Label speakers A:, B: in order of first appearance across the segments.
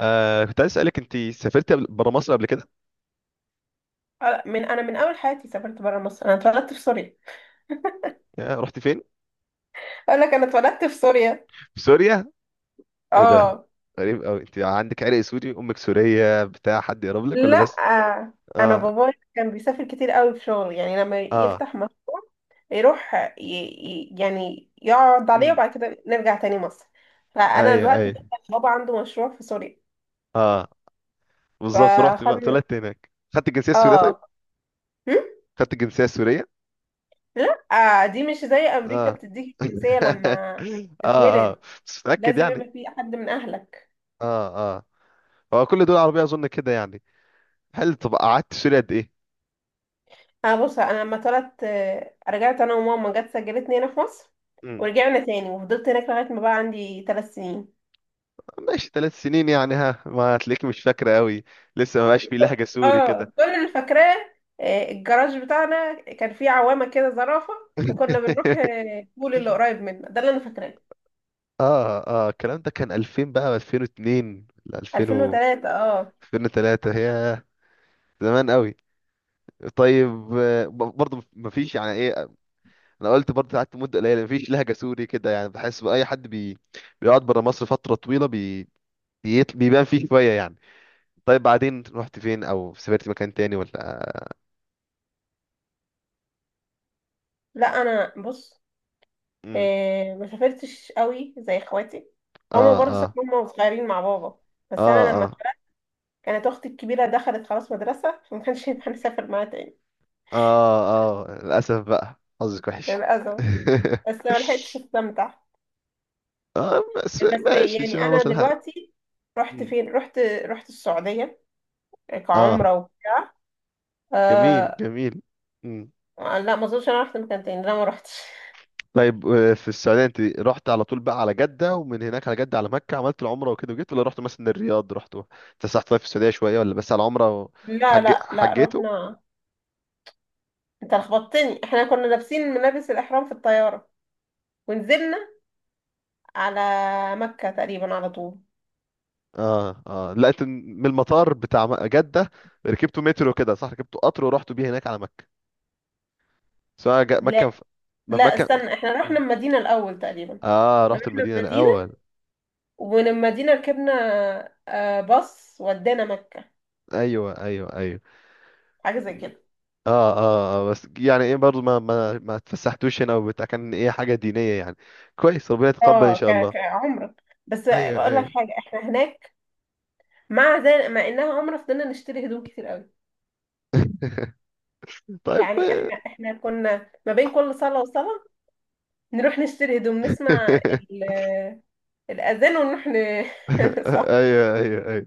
A: كنت عايز اسالك، انت سافرت بره مصر قبل كده؟
B: من انا من اول حياتي سافرت برا مصر، انا اتولدت في سوريا.
A: رحت فين؟
B: اقول لك انا اتولدت في سوريا.
A: في سوريا. ايه ده!
B: اه
A: غريب قوي، انت عندك عرق سوري؟ امك سوريه، بتاع حد يقرب لك ولا
B: لا،
A: بس؟
B: انا
A: اه
B: بابايا كان بيسافر كتير قوي في شغل، يعني لما
A: اه.
B: يفتح مشروع يروح يعني يقعد عليه
A: امم.
B: وبعد كده نرجع تاني مصر. فانا
A: ايوه
B: الوقت ده
A: ايوه.
B: كان بابا عنده مشروع في سوريا،
A: اه بالظبط، رحت بقى
B: فخدنا.
A: طلعت هناك خدت الجنسيه السوريه؟ طيب،
B: اه هم؟
A: خدت الجنسيه السوريه؟
B: لا، دي مش زي امريكا
A: اه.
B: بتديك الجنسية لما
A: اه اه،
B: تتولد،
A: بس متاكد
B: لازم
A: يعني؟
B: يبقى في حد من اهلك.
A: اه اه، هو كل دول عربيه اظن كده يعني. هل، طب قعدت سوريا قد ايه؟
B: انا بص، انا لما طلعت، رجعت انا وماما، جت سجلتني هنا في مصر، ورجعنا تاني وفضلت هناك لغايه ما بقى عندي ثلاث سنين.
A: ماشي، ثلاث سنين يعني، ها ما هتلاقيك مش فاكرة قوي، لسه ما بقاش في لهجة سوري كده.
B: اه، كل اللي فاكراه، الجراج بتاعنا كان فيه عوامه كده زرافه، وكنا بنروح البول اللي قريب منا ده. اللي انا فاكراه
A: اه اه. الكلام ده كان 2000، بقى 2002 ل 2000 و
B: 2003. اه،
A: 2003 هي. زمان قوي. طيب، برضه مفيش يعني ايه. انا قلت برضه قعدت مده قليله، مفيش لهجه سوري كده. يعني بحس باي حد بيقعد بره مصر فتره طويله بيبان فيه شويه يعني. طيب، بعدين رحت فين او سافرت مكان تاني ولا؟
B: لا انا بص،
A: امم.
B: ما سافرتش قوي زي اخواتي. هما
A: اه
B: برضه
A: اه.
B: سافروا هما وصغيرين مع بابا،
A: اه
B: بس انا لما
A: اه.
B: اتولدت كانت اختي الكبيره دخلت خلاص مدرسه، فما كانش ينفع نسافر معاها تاني.
A: اه اه. للأسف بقى، حظك وحش.
B: للاسف، بس ما لحقتش استمتع.
A: اه، بس
B: بس
A: ماشي ان
B: يعني
A: شاء الله
B: انا
A: تلحق.
B: دلوقتي رحت
A: مم.
B: فين؟ رحت السعوديه
A: اه،
B: كعمره
A: جميل
B: آه...
A: جميل. مم.
B: لا ما اظنش انا رحت مكان تاني، لا ما رحتش.
A: طيب، في السعودية انت رحت على طول بقى على جدة؟ ومن هناك على جدة على مكة عملت العمرة وكده وجيت، ولا رحت مثلا الرياض، رحت اتفسحت طيب في السعودية شوية، ولا بس على العمرة
B: لا لا لا
A: حجيتوا؟
B: رحنا، انت لخبطتني. احنا كنا لابسين ملابس الاحرام في الطياره، ونزلنا على مكه تقريبا على طول.
A: اه اه، لا انت من المطار بتاع جدة ركبتوا مترو كده صح، ركبتوا قطر ورحتوا بيه هناك على مكة؟ سواء مكة
B: لا
A: ف...، ما
B: لا
A: في مكة.
B: استنى، احنا رحنا المدينه الاول تقريبا.
A: اه،
B: احنا
A: رحت
B: رحنا
A: المدينة
B: المدينه
A: الأول.
B: ومن المدينه ركبنا باص ودانا مكه،
A: ايوه ايوه ايوه.
B: حاجه زي كده.
A: اه اه، بس يعني ايه، برضو ما اتفسحتوش هنا وبتاع، كان ايه حاجة دينية يعني. كويس، ربنا يتقبل ان
B: اه،
A: شاء الله.
B: كعمرة. بس
A: ايوه
B: بقول لك
A: ايوه.
B: حاجة، احنا هناك مع زي مع انها عمرة فضلنا نشتري هدوم كتير قوي.
A: طيب
B: يعني
A: كويس.
B: احنا احنا كنا ما بين كل صلاة وصلاة نروح نشتري هدوم، نسمع الأذان ونروح صح.
A: ايوه ايوه ايوه.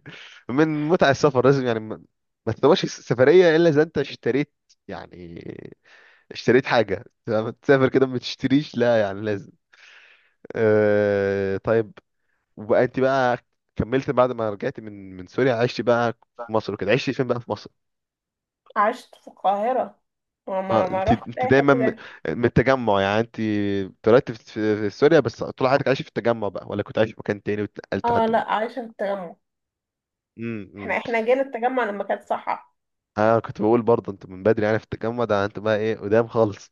A: من متع السفر لازم يعني، ما ما تسواش سفرية الا اذا انت اشتريت، يعني اشتريت حاجة لما تسافر كده، ما تشتريش لا يعني لازم. طيب. وبقى انت بقى كملت بعد ما رجعت من سوريا، عشت بقى في مصر وكده، عشت فين بقى في مصر؟
B: عشت في القاهرة،
A: اه،
B: وما ما
A: انت
B: رحتش
A: انت
B: أي
A: دايما
B: حتة تانية.
A: من التجمع يعني، انت اتولدت في سوريا، بس طول حياتك عايش في التجمع بقى؟ ولا كنت عايش في مكان تاني واتنقلت
B: اه،
A: لحد ما.
B: لا عايشة في التجمع.
A: امم.
B: احنا جينا التجمع لما كانت صحة.
A: اه، كنت بقول برضه انت من بدري يعني في التجمع ده، انت بقى ايه قدام خالص.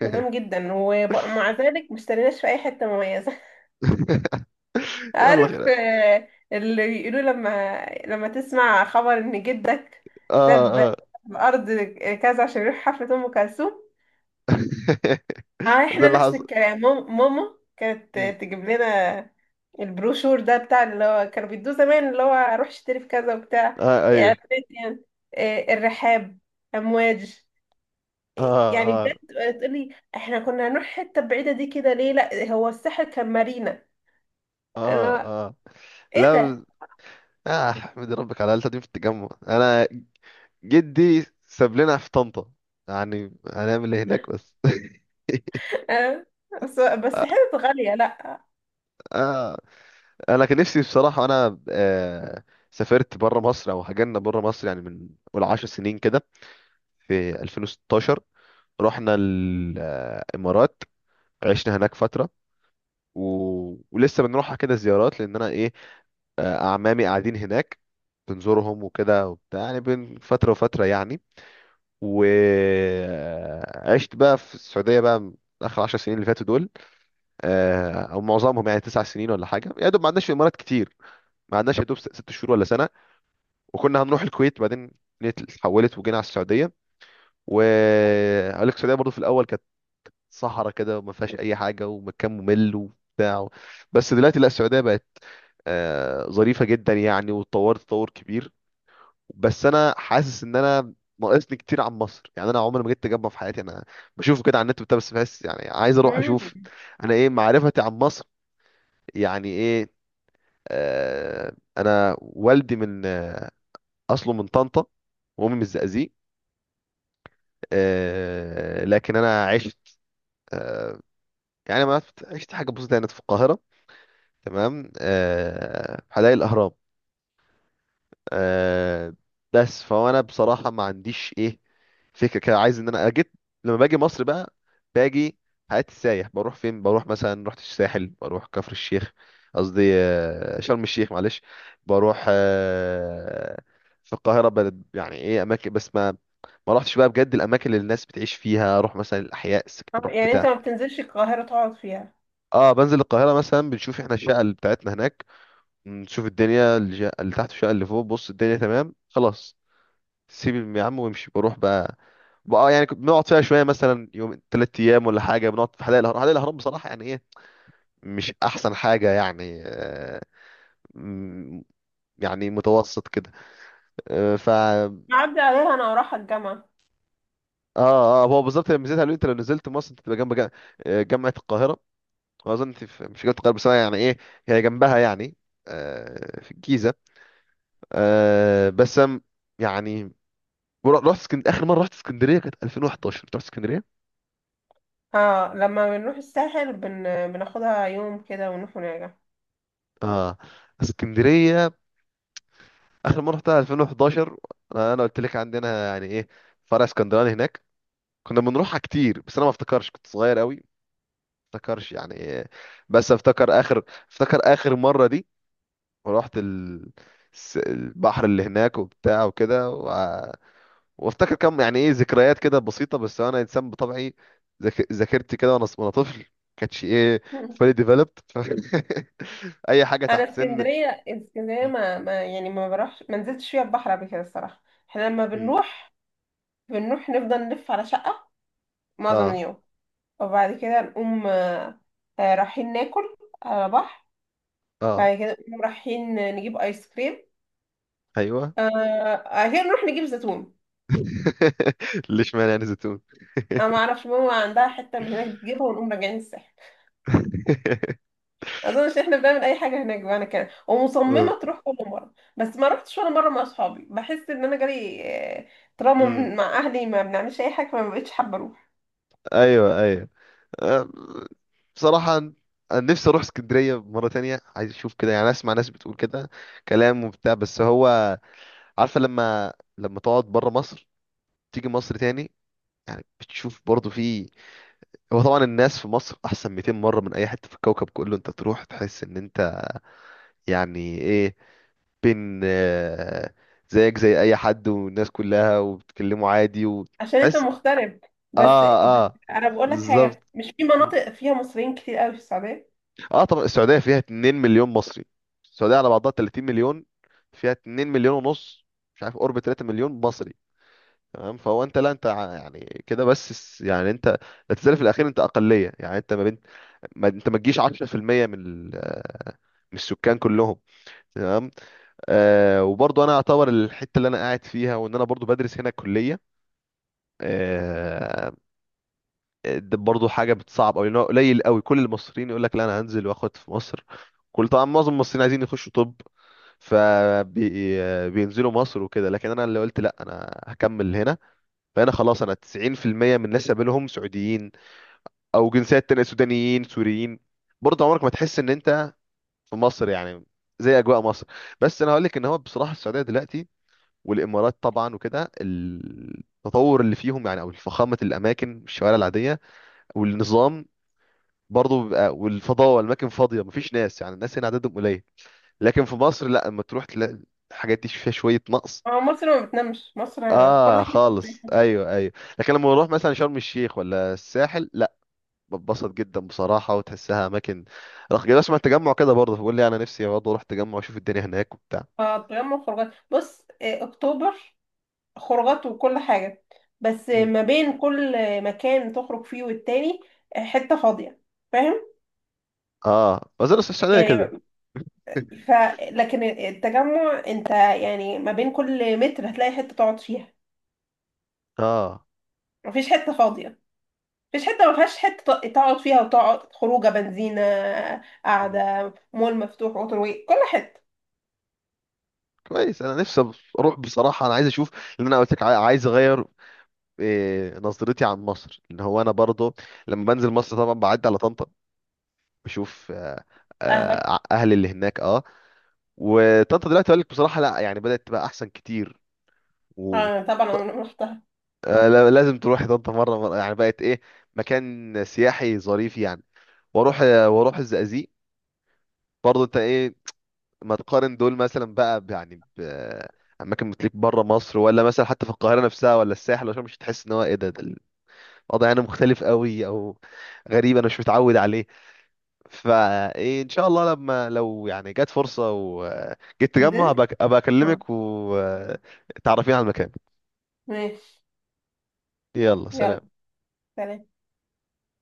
B: قدام جدا، ومع ذلك ما اشتريناش في أي حتة مميزة.
A: يلا
B: عارف،
A: خير.
B: اللي بيقولوا لما تسمع خبر ان جدك
A: اه
B: ساب
A: اه.
B: الارض كذا عشان يروح حفلة ام كلثوم؟ اه،
A: ده
B: احنا
A: اللي
B: نفس
A: حصل.
B: الكلام. ماما كانت
A: مم.
B: تجيب لنا البروشور ده بتاع اللي هو كانوا بيدوه زمان، اللي هو اروح اشتري في كذا وبتاع،
A: اه. ايوه.
B: اعلانات يعني. الرحاب، امواج،
A: اه
B: يعني
A: اه.
B: بجد تقولي احنا كنا هنروح حته بعيده دي كده ليه؟ لا هو الساحل كان مارينا.
A: اه
B: انا
A: اه.
B: ايه
A: لا.
B: ده؟
A: اه، احمد ربك على القلتة دي في التجمع، انا جدي ساب لنا في طنطا، يعني هنعمل ايه هناك بس.
B: آه، بس بس حتت غالية لا.
A: آه. انا كان نفسي بصراحه انا، سافرت بره مصر او هاجرنا بره مصر يعني، من قول 10 سنين كده، في 2016 رحنا الامارات، عشنا هناك فتره و...، ولسه بنروحها كده زيارات، لان انا ايه، اعمامي قاعدين هناك، بنزورهم وكده وبتاع يعني بين فتره وفتره يعني. وعشت بقى في السعودية بقى آخر عشر سنين اللي فاتوا دول، أو معظمهم، يعني تسع سنين ولا حاجة، يا دوب ما عندناش في الإمارات كتير، ما عندناش يا دوب ست شهور ولا سنة. وكنا هنروح الكويت بعدين، الدنيا اتحولت وجينا على السعودية. وأقول لك السعودية برضو في الأول كانت صحراء كده، وما فيهاش أي حاجة ومكان ممل وبتاع. بس دلوقتي لا، السعودية بقت ظريفة جدا يعني، واتطورت تطور كبير. بس انا حاسس ان انا ناقصني كتير عن مصر. يعني انا عمري ما جيت تجمع في حياتي، انا بشوفه كده على النت بتاع بس بحس يعني عايز اروح
B: مم.
A: اشوف. انا ايه معرفتي عن مصر، يعني ايه؟ انا والدي من اصله من طنطا، وامي من الزقازيق. لكن انا عشت آه يعني ما عشت عشت حاجه بسيطه هنا في القاهره. تمام، في حدائق الاهرام. آه بس فهو انا بصراحه ما عنديش ايه فكره كده، عايز ان انا اجيت. لما باجي مصر بقى، باجي حياتي سايح، بروح فين؟ بروح مثلا رحت الساحل، بروح كفر الشيخ، قصدي شرم الشيخ معلش. بروح في القاهره بلد، يعني ايه اماكن، بس ما ما رحتش بقى بجد الاماكن اللي الناس بتعيش فيها. اروح مثلا الاحياء السكن اروح
B: يعني انت
A: بتاع.
B: ما بتنزلش القاهرة تقعد فيها؟
A: اه، بنزل القاهره مثلا، بنشوف احنا الشقه اللي بتاعتنا هناك، نشوف الدنيا اللي تحت والشقه اللي فوق، بص الدنيا تمام خلاص، سيب يا عم وامشي بروح بقى. بقى يعني كنت بنقعد فيها شويه، مثلا يوم تلات ايام ولا حاجه، بنقعد في حدائق الاهرام. حدائق الاهرام بصراحه يعني ايه، مش احسن حاجه يعني. م- يعني متوسط كده. آه، ف
B: بعدي عليها انا ورايحة الجامعة.
A: اه اه، هو بالظبط لما نزلت قالوا لي انت لو نزلت مصر انت تبقى جنب جامعه القاهره. واظن انت مش جامعه القاهره بس أنا يعني ايه هي جنبها يعني، في الجيزه. آه، بس أم- يعني ورحت اسكندريه، اخر مره رحت اسكندريه كانت 2011. رحت اسكندريه
B: اه، لما بنروح الساحل بناخدها يوم كده ونروح ونرجع.
A: اه، اسكندريه اخر مره رحتها 2011. انا، أنا قلت لك عندنا يعني ايه، فرع اسكندراني هناك، كنا بنروحها كتير. بس انا ما افتكرش، كنت صغير قوي ما افتكرش يعني إيه. بس افتكر اخر، افتكر اخر مره دي، ورحت ال... البحر اللي هناك وبتاع وكده و...، وافتكر كم يعني ايه ذكريات كده بسيطه. بس انا انسان بطبعي ذاكرتي كده، وانا طفل كانتش ايه
B: مم.
A: fully developed. ف... اي حاجه
B: انا
A: تحت سن
B: اسكندرية، اسكندرية
A: م-
B: ما... ما يعني ما بروحش، ما نزلتش فيها البحر قبل كده الصراحة. احنا لما
A: م.
B: بنروح بنروح نفضل نلف على شقة معظم
A: اه
B: اليوم، وبعد كده نقوم رايحين ناكل على بحر،
A: اه.
B: بعد كده نقوم رايحين نجيب ايس كريم،
A: ايوه.
B: آه... كده نروح نجيب زيتون.
A: ليش معنى يعني زيتون؟
B: انا ما اعرفش، ماما عندها حته من هناك بتجيبها، ونقوم راجعين الساحل. ما اظنش احنا بنعمل اي حاجه هناك بقى، انا كده
A: أوف.
B: ومصممه تروح كل مره، بس ما رحتش ولا مره مع اصحابي، بحس ان انا جالي آه، تراما
A: أمم.
B: مع اهلي ما بنعملش اي حاجه، فما بقتش حابه اروح.
A: ايوه ايوه. أم، بصراحة انا نفسي اروح اسكندرية مرة تانية، عايز اشوف كده، يعني اسمع ناس بتقول كده كلام وبتاع. بس هو، عارفة لما لما تقعد بره مصر تيجي مصر تاني، يعني بتشوف برضه في، هو طبعا الناس في مصر احسن 200 مرة من اي حتة في الكوكب كله. انت تروح تحس ان انت يعني ايه، بين زيك زي اي حد، والناس كلها وبتكلموا عادي
B: عشان انت
A: وتحس.
B: مغترب، بس
A: اه
B: بس
A: اه،
B: انا بقول لك
A: بالظبط.
B: حاجه، مش في
A: مم.
B: مناطق فيها مصريين كتير قوي في السعوديه.
A: اه، طبعا السعوديه فيها 2 مليون مصري. السعوديه على بعضها 30 مليون، فيها 2 مليون ونص، مش عارف قرب 3 مليون مصري. تمام، فهو انت لا انت يعني كده، بس يعني انت لا تزال في الاخير انت اقليه، يعني انت ما بين، ما انت ما تجيش 10% من من السكان كلهم. تمام. وبرضه انا اعتبر الحته اللي انا قاعد فيها، وان انا برضه بدرس هنا كليه، ده برضه حاجه بتصعب قوي، لان هو قليل قوي. كل المصريين يقول لك لا انا هنزل واخد في مصر، كل، طبعا معظم المصريين عايزين يخشوا طب، فبينزلوا مصر وكده. لكن انا اللي قلت لا انا هكمل هنا. فانا خلاص انا 90% من الناس اللي قابلهم سعوديين او جنسيات تانية، سودانيين سوريين. برضه عمرك ما تحس ان انت في مصر يعني، زي اجواء مصر. بس انا هقول لك ان هو بصراحه السعوديه دلوقتي والامارات طبعا وكده، التطور اللي فيهم يعني او فخامه الاماكن، الشوارع العاديه والنظام، برضه بيبقى، والفضاء والاماكن فاضيه مفيش ناس، يعني الناس هنا عددهم قليل. لكن في مصر لا، اما تروح تلاقي الحاجات دي فيها شويه نقص.
B: مصر ما بتنامش مصر، في كل
A: اه
B: حته.
A: خالص، ايوه ايوه. لكن لما نروح مثلا شرم الشيخ ولا الساحل لا، بتبسط جدا بصراحه وتحسها اماكن رخ كده. اسمع التجمع كده برضه، بقول لي انا نفسي برضه اروح التجمع واشوف الدنيا هناك وبتاع.
B: تجمع خروجات، بص اكتوبر خروجات وكل حاجة. بس
A: مم.
B: ما بين كل مكان تخرج فيه والتاني حتة فاضية، فاهم
A: اه، وزير السعوديه كده.
B: يعني؟ ف لكن التجمع انت يعني ما بين كل متر هتلاقي حتة تقعد فيها،
A: اه.
B: مفيش حتة فاضية، مفيش حتة ما فيهاش حتة تقعد فيها وتقعد خروجة، بنزينة
A: مم.
B: قاعدة، مول مفتوح، ووتر واي، كل حتة.
A: كويس، انا نفسي اروح بصراحه، انا عايز اشوف، لان انا قلت لك عايز اغير إيه نظرتي عن مصر. ان هو انا برضو لما بنزل مصر طبعا بعدي على طنطا، بشوف
B: اهلك،
A: اهلي اللي هناك اه. وطنطا دلوقتي اقول لك بصراحه لا، يعني بدات تبقى احسن كتير و
B: آه طبعا انا رحتها.
A: لازم تروحي طنطا مره مره، يعني بقت ايه مكان سياحي ظريف يعني. واروح واروح الزقازيق. برضو انت ايه، ما تقارن دول مثلا بقى يعني ب اماكن بتليك بره مصر، ولا مثلا حتى في القاهره نفسها ولا الساحل، عشان مش تحس ان هو ايه ده، ده الوضع هنا مختلف قوي او غريب انا مش متعود عليه. فايه ان شاء الله لما لو يعني جت فرصة وجيت تجمع،
B: نزلت،
A: أبقى
B: آه،
A: اكلمك وتعرفين على المكان.
B: ماشي.
A: يلا
B: يلا
A: سلام.
B: سلام.